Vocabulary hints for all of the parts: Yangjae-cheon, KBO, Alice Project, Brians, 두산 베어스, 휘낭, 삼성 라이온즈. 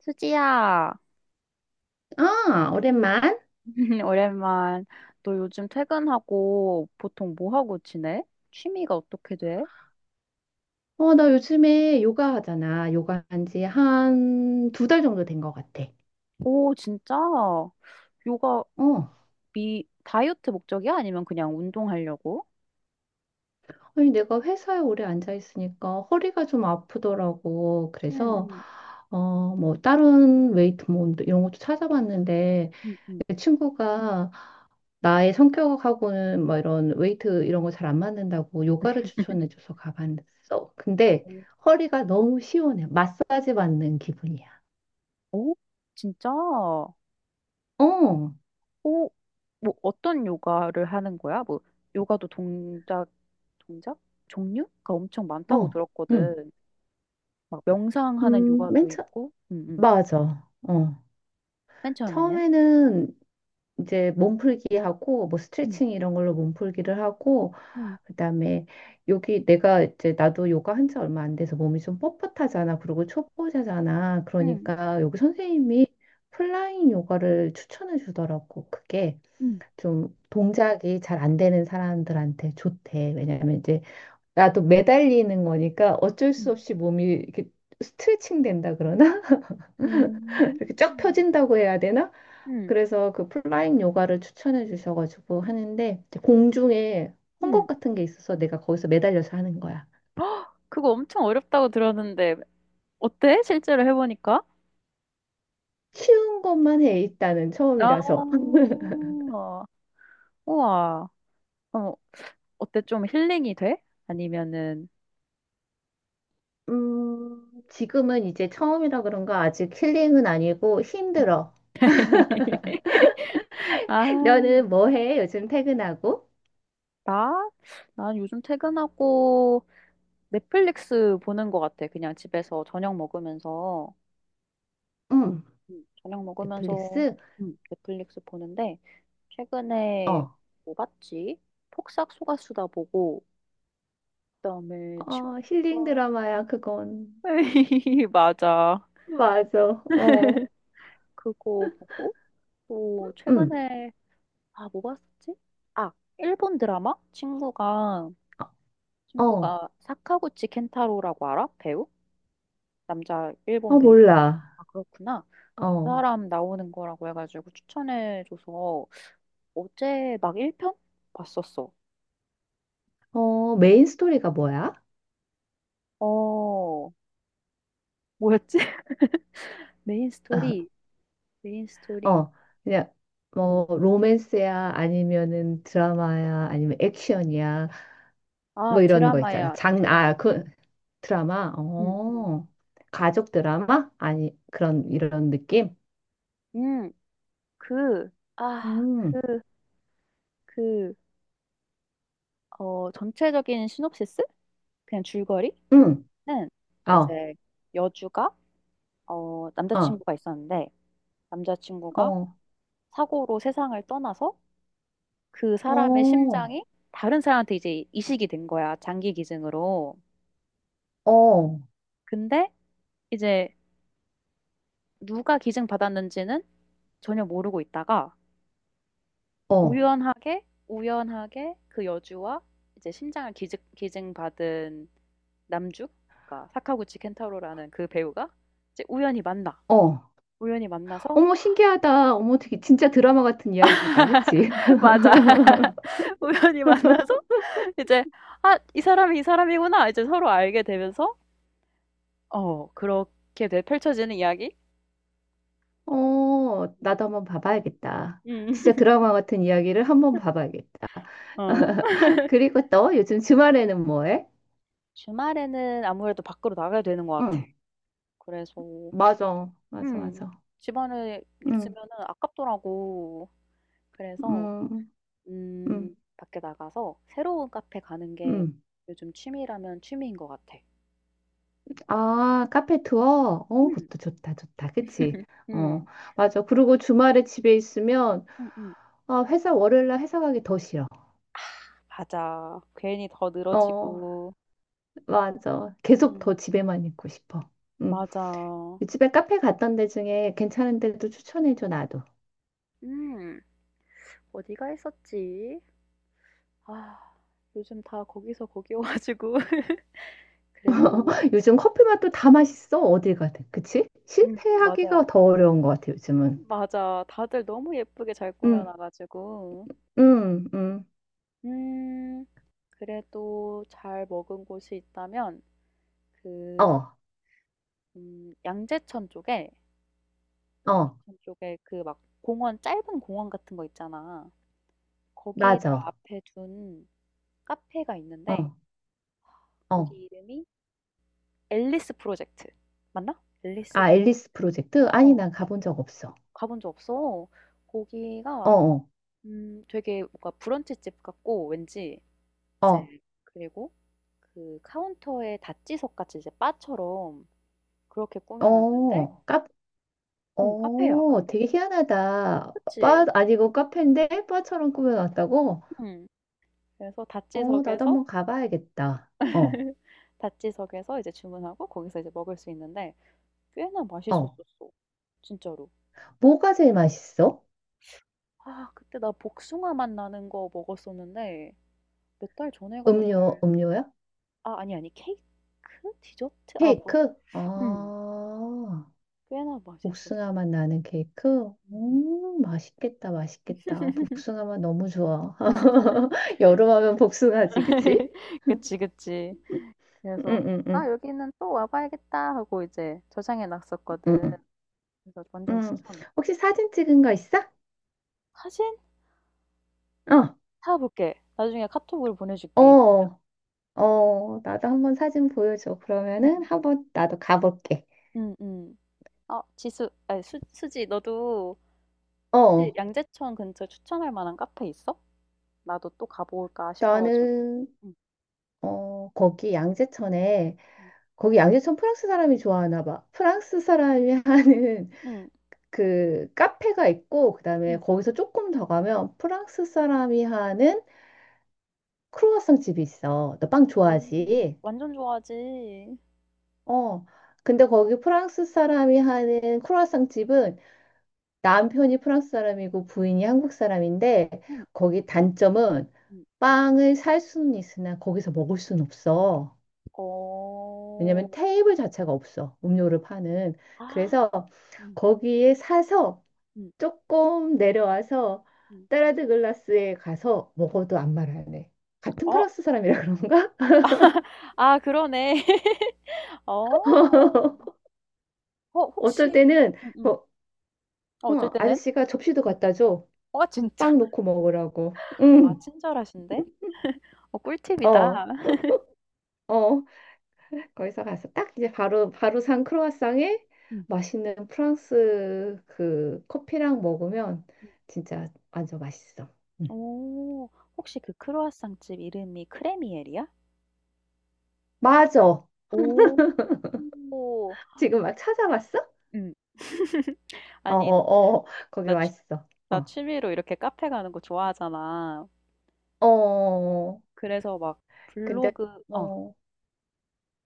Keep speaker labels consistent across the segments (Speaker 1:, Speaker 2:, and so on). Speaker 1: 수지야,
Speaker 2: 아, 오랜만?
Speaker 1: 오랜만. 너 요즘 퇴근하고 보통 뭐 하고 지내? 취미가 어떻게 돼?
Speaker 2: 나 요즘에 요가 하잖아. 요가 한지 한 두 달 정도 된 것 같아.
Speaker 1: 오, 진짜? 요가
Speaker 2: 어.
Speaker 1: 미 다이어트 목적이야? 아니면 그냥 운동하려고?
Speaker 2: 아니, 내가 회사에 오래 앉아 있으니까 허리가 좀 아프더라고. 그래서,
Speaker 1: 응,
Speaker 2: 뭐, 다른 웨이트 뭐, 이런 것도 찾아봤는데,
Speaker 1: 응, 응.
Speaker 2: 내 친구가 나의 성격하고는 뭐 이런 웨이트 이런 거 잘 안 맞는다고 요가를 추천해줘서 가봤어. 근데
Speaker 1: 응.
Speaker 2: 허리가 너무 시원해. 마사지 받는 기분이야.
Speaker 1: 오, 진짜?
Speaker 2: 어,
Speaker 1: 오, 뭐 어떤 요가를 하는 거야? 뭐 요가도 동작, 동작? 종류가 엄청 많다고
Speaker 2: 어. 응.
Speaker 1: 들었거든. 막 명상하는
Speaker 2: 음, 맨
Speaker 1: 요가도
Speaker 2: 처,
Speaker 1: 있고. 응, 응.
Speaker 2: 맞아. 어.
Speaker 1: 맨 처음에는?
Speaker 2: 처음에는 이제 몸풀기 하고, 뭐 스트레칭 이런 걸로 몸풀기를 하고,
Speaker 1: 응.
Speaker 2: 그다음에 여기 내가 이제 나도 요가 한 지 얼마 안 돼서 몸이 좀 뻣뻣하잖아. 그리고 초보자잖아.
Speaker 1: 응,
Speaker 2: 그러니까 여기 선생님이 플라잉 요가를 추천해 주더라고. 그게
Speaker 1: 응,
Speaker 2: 좀 동작이 잘 안 되는 사람들한테 좋대. 왜냐면 이제 나도 매달리는 거니까 어쩔 수
Speaker 1: 응.
Speaker 2: 없이 몸이 이렇게 스트레칭 된다 그러나?
Speaker 1: 음,
Speaker 2: 이렇게 쫙 펴진다고 해야 되나?
Speaker 1: 응,
Speaker 2: 그래서 그 플라잉 요가를 추천해 주셔가지고 하는데 이제 공중에 헝겊
Speaker 1: 응.
Speaker 2: 같은 게 있어서 내가 거기서 매달려서 하는 거야.
Speaker 1: 그거 엄청 어렵다고 들었는데, 어때? 실제로 해보니까?
Speaker 2: 쉬운 것만 해 일단은
Speaker 1: 아,
Speaker 2: 처음이라서.
Speaker 1: 우와. 그럼 어때? 좀 힐링이 돼? 아니면은,
Speaker 2: 지금은 이제 처음이라 그런가 아직 힐링은 아니고 힘들어.
Speaker 1: 아,
Speaker 2: 너는 뭐 해? 요즘 퇴근하고?
Speaker 1: 나? 난 요즘 퇴근하고 넷플릭스 보는 것 같아. 그냥 집에서 저녁 먹으면서,
Speaker 2: 응.
Speaker 1: 저녁 먹으면서
Speaker 2: 넷플릭스?
Speaker 1: 넷플릭스 보는데, 최근에
Speaker 2: 어.
Speaker 1: 뭐 봤지? 폭삭 속가수다 보고, 그다음에
Speaker 2: 힐링
Speaker 1: 친구가
Speaker 2: 드라마야, 그건.
Speaker 1: 맞아.
Speaker 2: 맞아. 어.
Speaker 1: 그거 보고 또
Speaker 2: 응.
Speaker 1: 최근에 아, 뭐 봤었지? 아, 일본 드라마? 친구가
Speaker 2: 어.
Speaker 1: 사카구치 켄타로라고 알아? 배우? 남자 일본
Speaker 2: 어,
Speaker 1: 배우.
Speaker 2: 몰라.
Speaker 1: 아, 그렇구나. 그
Speaker 2: 어.
Speaker 1: 사람 나오는 거라고 해가지고 추천해줘서 어제 막 1편 봤었어.
Speaker 2: 메인 스토리가 뭐야?
Speaker 1: 어, 뭐였지? 메인 스토리, 메인 스토리.
Speaker 2: 어, 그냥
Speaker 1: 음.
Speaker 2: 뭐 로맨스야 아니면은 드라마야 아니면 액션이야
Speaker 1: 아,
Speaker 2: 뭐 이런 거 있잖아.
Speaker 1: 드라마야,
Speaker 2: 장, 아,
Speaker 1: 드라마.
Speaker 2: 그 드라마.
Speaker 1: 음,
Speaker 2: 어. 가족 드라마? 아니, 그런 이런 느낌?
Speaker 1: 음. 그, 아,
Speaker 2: 음.
Speaker 1: 그, 그, 어, 전체적인 시놉시스? 그냥 줄거리는
Speaker 2: 음. 어.
Speaker 1: 이제 여주가, 어,
Speaker 2: 어.
Speaker 1: 남자친구가 있었는데, 남자친구가
Speaker 2: 어.
Speaker 1: 사고로 세상을 떠나서 그 사람의
Speaker 2: 어.
Speaker 1: 심장이 다른 사람한테 이제 이식이 된 거야, 장기 기증으로.
Speaker 2: 어.
Speaker 1: 근데 이제 누가 기증 받았는지는 전혀 모르고 있다가,
Speaker 2: 어.
Speaker 1: 우연하게, 우연하게 그 여주와 이제 심장을 기증, 기증받은 남주, 그러니까 사카구치 켄타로라는 그 배우가 이제 우연히 만나.
Speaker 2: 어.
Speaker 1: 우연히 만나서
Speaker 2: 어머 신기하다. 어머 되게 진짜 드라마 같은 이야기다. 그치?
Speaker 1: 맞아. 우연히 만나서 이제 아, 이 사람이 이 사람이구나. 이제 서로 알게 되면서 어, 그렇게 돼- 펼쳐지는 이야기? 음.
Speaker 2: 나도 한번 봐봐야겠다. 진짜 드라마 같은 이야기를 한번 봐봐야겠다.
Speaker 1: 어.
Speaker 2: 그리고 또 요즘 주말에는 뭐 해?
Speaker 1: 주말에는 아무래도 밖으로 나가야 되는 것 같아.
Speaker 2: 응,
Speaker 1: 그래서
Speaker 2: 맞아, 맞아,
Speaker 1: 음,
Speaker 2: 맞아.
Speaker 1: 집안에
Speaker 2: 응,
Speaker 1: 있으면은 아깝더라고. 그래서
Speaker 2: 응, 응,
Speaker 1: 밖에 나가서 새로운 카페 가는 게
Speaker 2: 응.
Speaker 1: 요즘 취미라면 취미인 것 같아.
Speaker 2: 아, 카페 투어?
Speaker 1: 음.
Speaker 2: 그것도 좋다, 좋다. 그치? 어,
Speaker 1: 음.
Speaker 2: 맞아. 그리고 주말에 집에 있으면,
Speaker 1: 음음.
Speaker 2: 월요일날 회사 가기 더 싫어.
Speaker 1: 맞아. 괜히 더
Speaker 2: 어,
Speaker 1: 늘어지고.
Speaker 2: 맞아. 계속
Speaker 1: 음.
Speaker 2: 더 집에만 있고 싶어. 응.
Speaker 1: 맞아.
Speaker 2: 집에 카페 갔던 데 중에 괜찮은 데도 추천해줘, 나도.
Speaker 1: 음. 어디가 했었지? 아. 요즘 다 거기서 거기 여 가지고 그래도
Speaker 2: 요즘 커피 맛도 다 맛있어. 어딜 가든. 그치?
Speaker 1: 맞아.
Speaker 2: 실패하기가 더 어려운 것 같아, 요즘은.
Speaker 1: 맞아. 다들 너무 예쁘게 잘 꾸며
Speaker 2: 응,
Speaker 1: 놔 가지고.
Speaker 2: 응, 응.
Speaker 1: 음. 그래도 잘 먹은 곳이 있다면 그
Speaker 2: 어,
Speaker 1: 양재천 쪽에
Speaker 2: 어,
Speaker 1: 양재천 쪽에 그 막 공원 짧은 공원 같은 거 있잖아. 거기를
Speaker 2: 맞아.
Speaker 1: 앞에 둔 카페가
Speaker 2: 어,
Speaker 1: 있는데 거기
Speaker 2: 어.
Speaker 1: 이름이 앨리스 프로젝트. 맞나? 앨리스
Speaker 2: 아, 앨리스 프로젝트? 아니,
Speaker 1: 어,
Speaker 2: 난 가본 적 없어.
Speaker 1: 가본 적 없어.
Speaker 2: 어,
Speaker 1: 거기가
Speaker 2: 어,
Speaker 1: 되게 뭔가 브런치집 같고 왠지 이제 그리고 그 카운터에 다찌석 같이 이제 바처럼 그렇게
Speaker 2: 어,
Speaker 1: 꾸며놨는데
Speaker 2: 어, 카,
Speaker 1: 응, 카페야. 근데
Speaker 2: 되게 희한하다. 바
Speaker 1: 그치?
Speaker 2: 아니고 카페인데 바처럼 꾸며놨다고?
Speaker 1: 응. 그래서
Speaker 2: 나도
Speaker 1: 다찌석에서
Speaker 2: 한번 가봐야겠다. 어,
Speaker 1: 다찌석에서 이제 주문하고 거기서 이제 먹을 수 있는데 꽤나
Speaker 2: 어.
Speaker 1: 맛있었었어. 진짜로.
Speaker 2: 뭐가 제일 맛있어?
Speaker 1: 아 그때 나 복숭아 맛 나는 거 먹었었는데 몇 달 전에 가서 잘
Speaker 2: 음료야?
Speaker 1: 아 아니, 아니 케이크? 디저트? 아 뭐
Speaker 2: 케이크?
Speaker 1: 음.
Speaker 2: 아.
Speaker 1: 꽤나 맛있었어.
Speaker 2: 복숭아 맛 나는 케이크?
Speaker 1: 음
Speaker 2: 맛있겠다, 맛있겠다. 복숭아 맛 너무 좋아. 여름하면 복숭아지, 그치?
Speaker 1: 그치, 그치.
Speaker 2: 응,
Speaker 1: 그래서
Speaker 2: 응,
Speaker 1: '아
Speaker 2: 응,
Speaker 1: 여기는 또 와 봐야겠다.' 하고 이제 저장해 놨었거든.
Speaker 2: 응.
Speaker 1: 그래서 완전
Speaker 2: 응.
Speaker 1: 추천해.
Speaker 2: 혹시 사진 찍은 거 있어?
Speaker 1: 사진
Speaker 2: 어,
Speaker 1: 사 볼게. 나중에 카톡으로 보내줄게 있으면.
Speaker 2: 어, 어. 나도 한번 사진 보여줘. 그러면은
Speaker 1: 음.
Speaker 2: 한번 나도 가볼게.
Speaker 1: 음음. 어 지수 아니 수 수지 너도 혹시
Speaker 2: 어,
Speaker 1: 양재천 근처 추천할 만한 카페 있어? 나도 또 가볼까 싶어 가지고.
Speaker 2: 나는,
Speaker 1: 응.
Speaker 2: 어, 거기 양재천에,
Speaker 1: 응
Speaker 2: 거기 양재천 프랑스 사람이 좋아하나 봐. 프랑스 사람이 하는
Speaker 1: 응.
Speaker 2: 그 카페가 있고 그다음에
Speaker 1: 응
Speaker 2: 거기서 조금 더 가면 프랑스 사람이 하는 크루아상 집이 있어. 너 빵
Speaker 1: 오.
Speaker 2: 좋아하지?
Speaker 1: 완전 좋아하지.
Speaker 2: 어. 근데 거기 프랑스 사람이 하는 크루아상 집은 남편이 프랑스 사람이고 부인이 한국 사람인데
Speaker 1: 응,
Speaker 2: 거기 단점은
Speaker 1: 응,
Speaker 2: 빵을 살 수는 있으나 거기서 먹을 수는 없어.
Speaker 1: 어.
Speaker 2: 왜냐면 테이블 자체가 없어. 음료를 파는.
Speaker 1: 아.
Speaker 2: 그래서
Speaker 1: 응
Speaker 2: 거기에 사서
Speaker 1: 응
Speaker 2: 조금 내려와서
Speaker 1: 응
Speaker 2: 따라드 글라스에 가서
Speaker 1: 응
Speaker 2: 먹어도 안 말하네. 같은
Speaker 1: 어.
Speaker 2: 프랑스 사람이라 그런가?
Speaker 1: 아 그러네. 어. 어
Speaker 2: 어쩔
Speaker 1: 혹시
Speaker 2: 때는
Speaker 1: 응 응
Speaker 2: 뭐,
Speaker 1: 어 어쩔 때는?
Speaker 2: 아저씨가 접시도
Speaker 1: 응.
Speaker 2: 갖다 줘.
Speaker 1: 어 진짜?
Speaker 2: 빵 놓고 먹으라고.
Speaker 1: 아
Speaker 2: 응,
Speaker 1: 친절하신데? 어 꿀팁이다.
Speaker 2: 어, 어. 거기서 가서 딱 이제 바로 바로 산 크로와상에
Speaker 1: 응
Speaker 2: 맛있는 프랑스 그 커피랑 먹으면
Speaker 1: 응
Speaker 2: 진짜 완전 맛있어. 응.
Speaker 1: 오. 혹시 그 크루아상 집 이름이 크레미엘이야?
Speaker 2: 맞아.
Speaker 1: 오. 오.
Speaker 2: 지금 막 찾아봤어?
Speaker 1: 응
Speaker 2: 어,
Speaker 1: 아니
Speaker 2: 어, 어. 거기
Speaker 1: 나진
Speaker 2: 맛있어.
Speaker 1: 나
Speaker 2: 어,
Speaker 1: 취미로 이렇게 카페 가는 거 좋아하잖아.
Speaker 2: 어.
Speaker 1: 그래서 막
Speaker 2: 근데
Speaker 1: 블로그, 어,
Speaker 2: 어,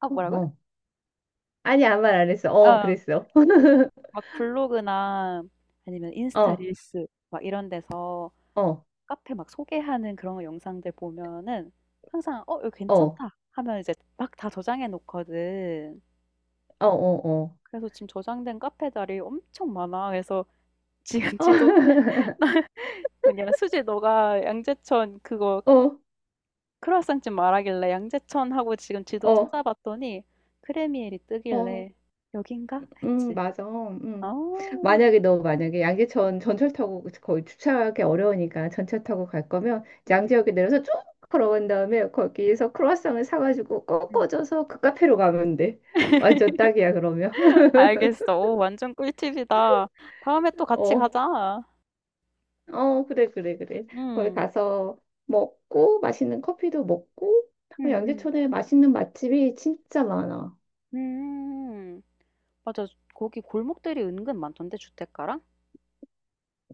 Speaker 1: 아,
Speaker 2: 어,
Speaker 1: 뭐라고?
Speaker 2: 어. 아니 아무 말 안 했어. 어,
Speaker 1: 아,
Speaker 2: 그랬어.
Speaker 1: 그래서 막 블로그나 아니면 인스타
Speaker 2: 어,
Speaker 1: 릴스 막 이런 데서
Speaker 2: 어,
Speaker 1: 카페 막 소개하는 그런 영상들 보면은 항상 어, 이거
Speaker 2: 어,
Speaker 1: 괜찮다 하면 이제 막 다 저장해 놓거든.
Speaker 2: 어, 어, 어,
Speaker 1: 그래서 지금 저장된 카페 자리 엄청 많아. 그래서 지금
Speaker 2: 어,
Speaker 1: 지도 뭐냐 수지 너가 양재천 그거
Speaker 2: 어,
Speaker 1: 크루아상집 말하길래 양재천 하고 지금 지도
Speaker 2: 어,
Speaker 1: 찾아봤더니 크레미엘이
Speaker 2: 어,
Speaker 1: 뜨길래 '여긴가?' 했지.
Speaker 2: 맞아.
Speaker 1: 아.
Speaker 2: 음. 만약에 너 만약에 양재천 전철 타고 거의 주차하기 어려우니까 전철 타고 갈 거면 양재역에 내려서 쭉 걸어간 다음에
Speaker 1: 음.
Speaker 2: 거기에서 크로와상을 사가지고
Speaker 1: 음.
Speaker 2: 꺾어져서 그 카페로 가면 돼. 완전 딱이야 그러면.
Speaker 1: 알겠어. 오 완전 꿀팁이다. 다음에 또 같이
Speaker 2: 어.
Speaker 1: 가자.
Speaker 2: 어, 그래, 그래, 그래. 거기
Speaker 1: 음.
Speaker 2: 가서 먹고, 맛있는 커피도 먹고, 어,
Speaker 1: 음음.
Speaker 2: 양재천에 맛있는 맛집이 진짜 많아.
Speaker 1: 음. 음. 맞아. 거기 골목들이 은근 많던데 주택가랑?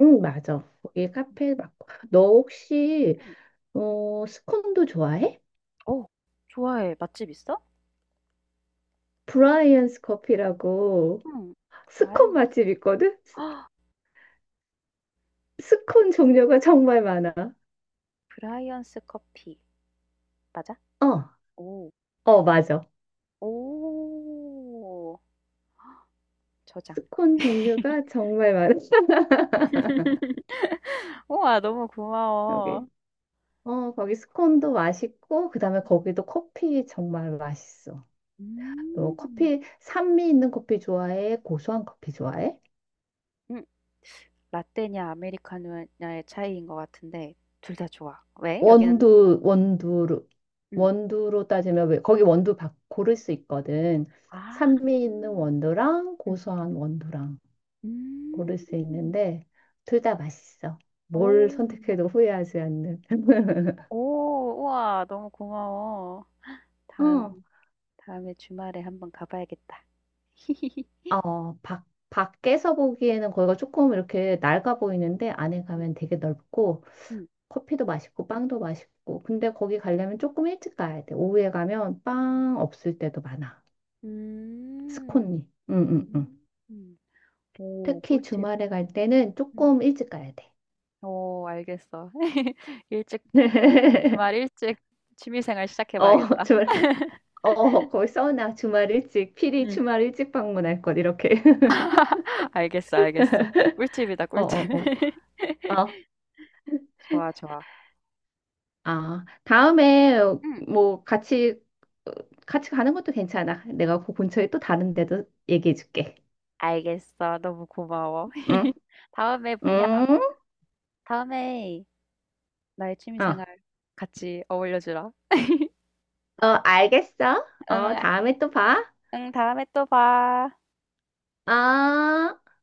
Speaker 2: 응, 맞아. 거기 카페 많고.
Speaker 1: 음.
Speaker 2: 스콘도 좋아해?
Speaker 1: 오, 좋아해. 맛집 있어?
Speaker 2: 브라이언스 커피라고
Speaker 1: 응.
Speaker 2: 스콘
Speaker 1: 브라이언스
Speaker 2: 맛집 있거든? 스콘 종류가 정말 많아.
Speaker 1: 브라이언스 커피 맞아?
Speaker 2: 어,
Speaker 1: 오.
Speaker 2: 어, 맞아.
Speaker 1: 오. 저장.
Speaker 2: 스콘 종류가 정말 많아.
Speaker 1: 우와, 너무 고마워.
Speaker 2: 여기. 어, 거기 스콘도 맛있고, 그 다음에 거기도 커피 정말 맛있어. 너
Speaker 1: 음.
Speaker 2: 커피, 산미 있는 커피 좋아해? 고소한 커피 좋아해?
Speaker 1: 음. 라떼냐 아메리카노냐의 차이인 것 같은데 둘 다 좋아. 왜? 네. 여기는
Speaker 2: 원두, 원두로,
Speaker 1: 음.
Speaker 2: 원두로 따지면, 왜, 거기 원두 바, 고를 수 있거든.
Speaker 1: 아.
Speaker 2: 산미 있는 원두랑
Speaker 1: 음.
Speaker 2: 고소한 원두랑 고를 수
Speaker 1: 음.
Speaker 2: 있는데, 둘 다 맛있어.
Speaker 1: 오.
Speaker 2: 뭘 선택해도 후회하지 않는.
Speaker 1: 오, 우와, 너무 고마워.
Speaker 2: 응.
Speaker 1: 다음 다음에 주말에 한번 가 봐야겠다.
Speaker 2: 어, 밖, 밖에서 보기에는 거기가 조금 이렇게 낡아 보이는데, 안에
Speaker 1: 음.
Speaker 2: 가면 되게 넓고,
Speaker 1: 음.
Speaker 2: 커피도 맛있고 빵도 맛있고. 근데 거기 가려면 조금 일찍 가야 돼. 오후에 가면 빵 없을 때도 많아.
Speaker 1: 음.
Speaker 2: 스콘이. 응, 응, 응.
Speaker 1: 음. 음. 오,
Speaker 2: 특히
Speaker 1: 꿀팁.
Speaker 2: 주말에 갈 때는
Speaker 1: 응.
Speaker 2: 조금 일찍 가야 돼.
Speaker 1: 어 알겠어. 일찍 주 주말 일찍 취미 생활 시작해
Speaker 2: 어,
Speaker 1: 봐야겠다.
Speaker 2: 주말. 어, 거기 써놔. 주말 일찍. 필히
Speaker 1: 응.
Speaker 2: 주말 일찍 방문할 것. 이렇게.
Speaker 1: 알겠어, 알겠어. 꿀팁이다,
Speaker 2: 어,
Speaker 1: 꿀팁.
Speaker 2: 어, 어. 어.
Speaker 1: 좋아, 좋아.
Speaker 2: 아, 다음에
Speaker 1: 응.
Speaker 2: 뭐 같이 어, 같이 가는 것도 괜찮아. 내가 그 근처에 또 다른 데도 얘기해 줄게.
Speaker 1: 알겠어. 너무 고마워.
Speaker 2: 응?
Speaker 1: 다음에 뭐냐?
Speaker 2: 응?
Speaker 1: 다음에 나의 취미
Speaker 2: 어.
Speaker 1: 생활 같이 어울려 주라.
Speaker 2: 어, 알겠어.
Speaker 1: 응,
Speaker 2: 어,
Speaker 1: 아
Speaker 2: 다음에 또 봐.
Speaker 1: 응. 다음에 또 봐.
Speaker 2: 어.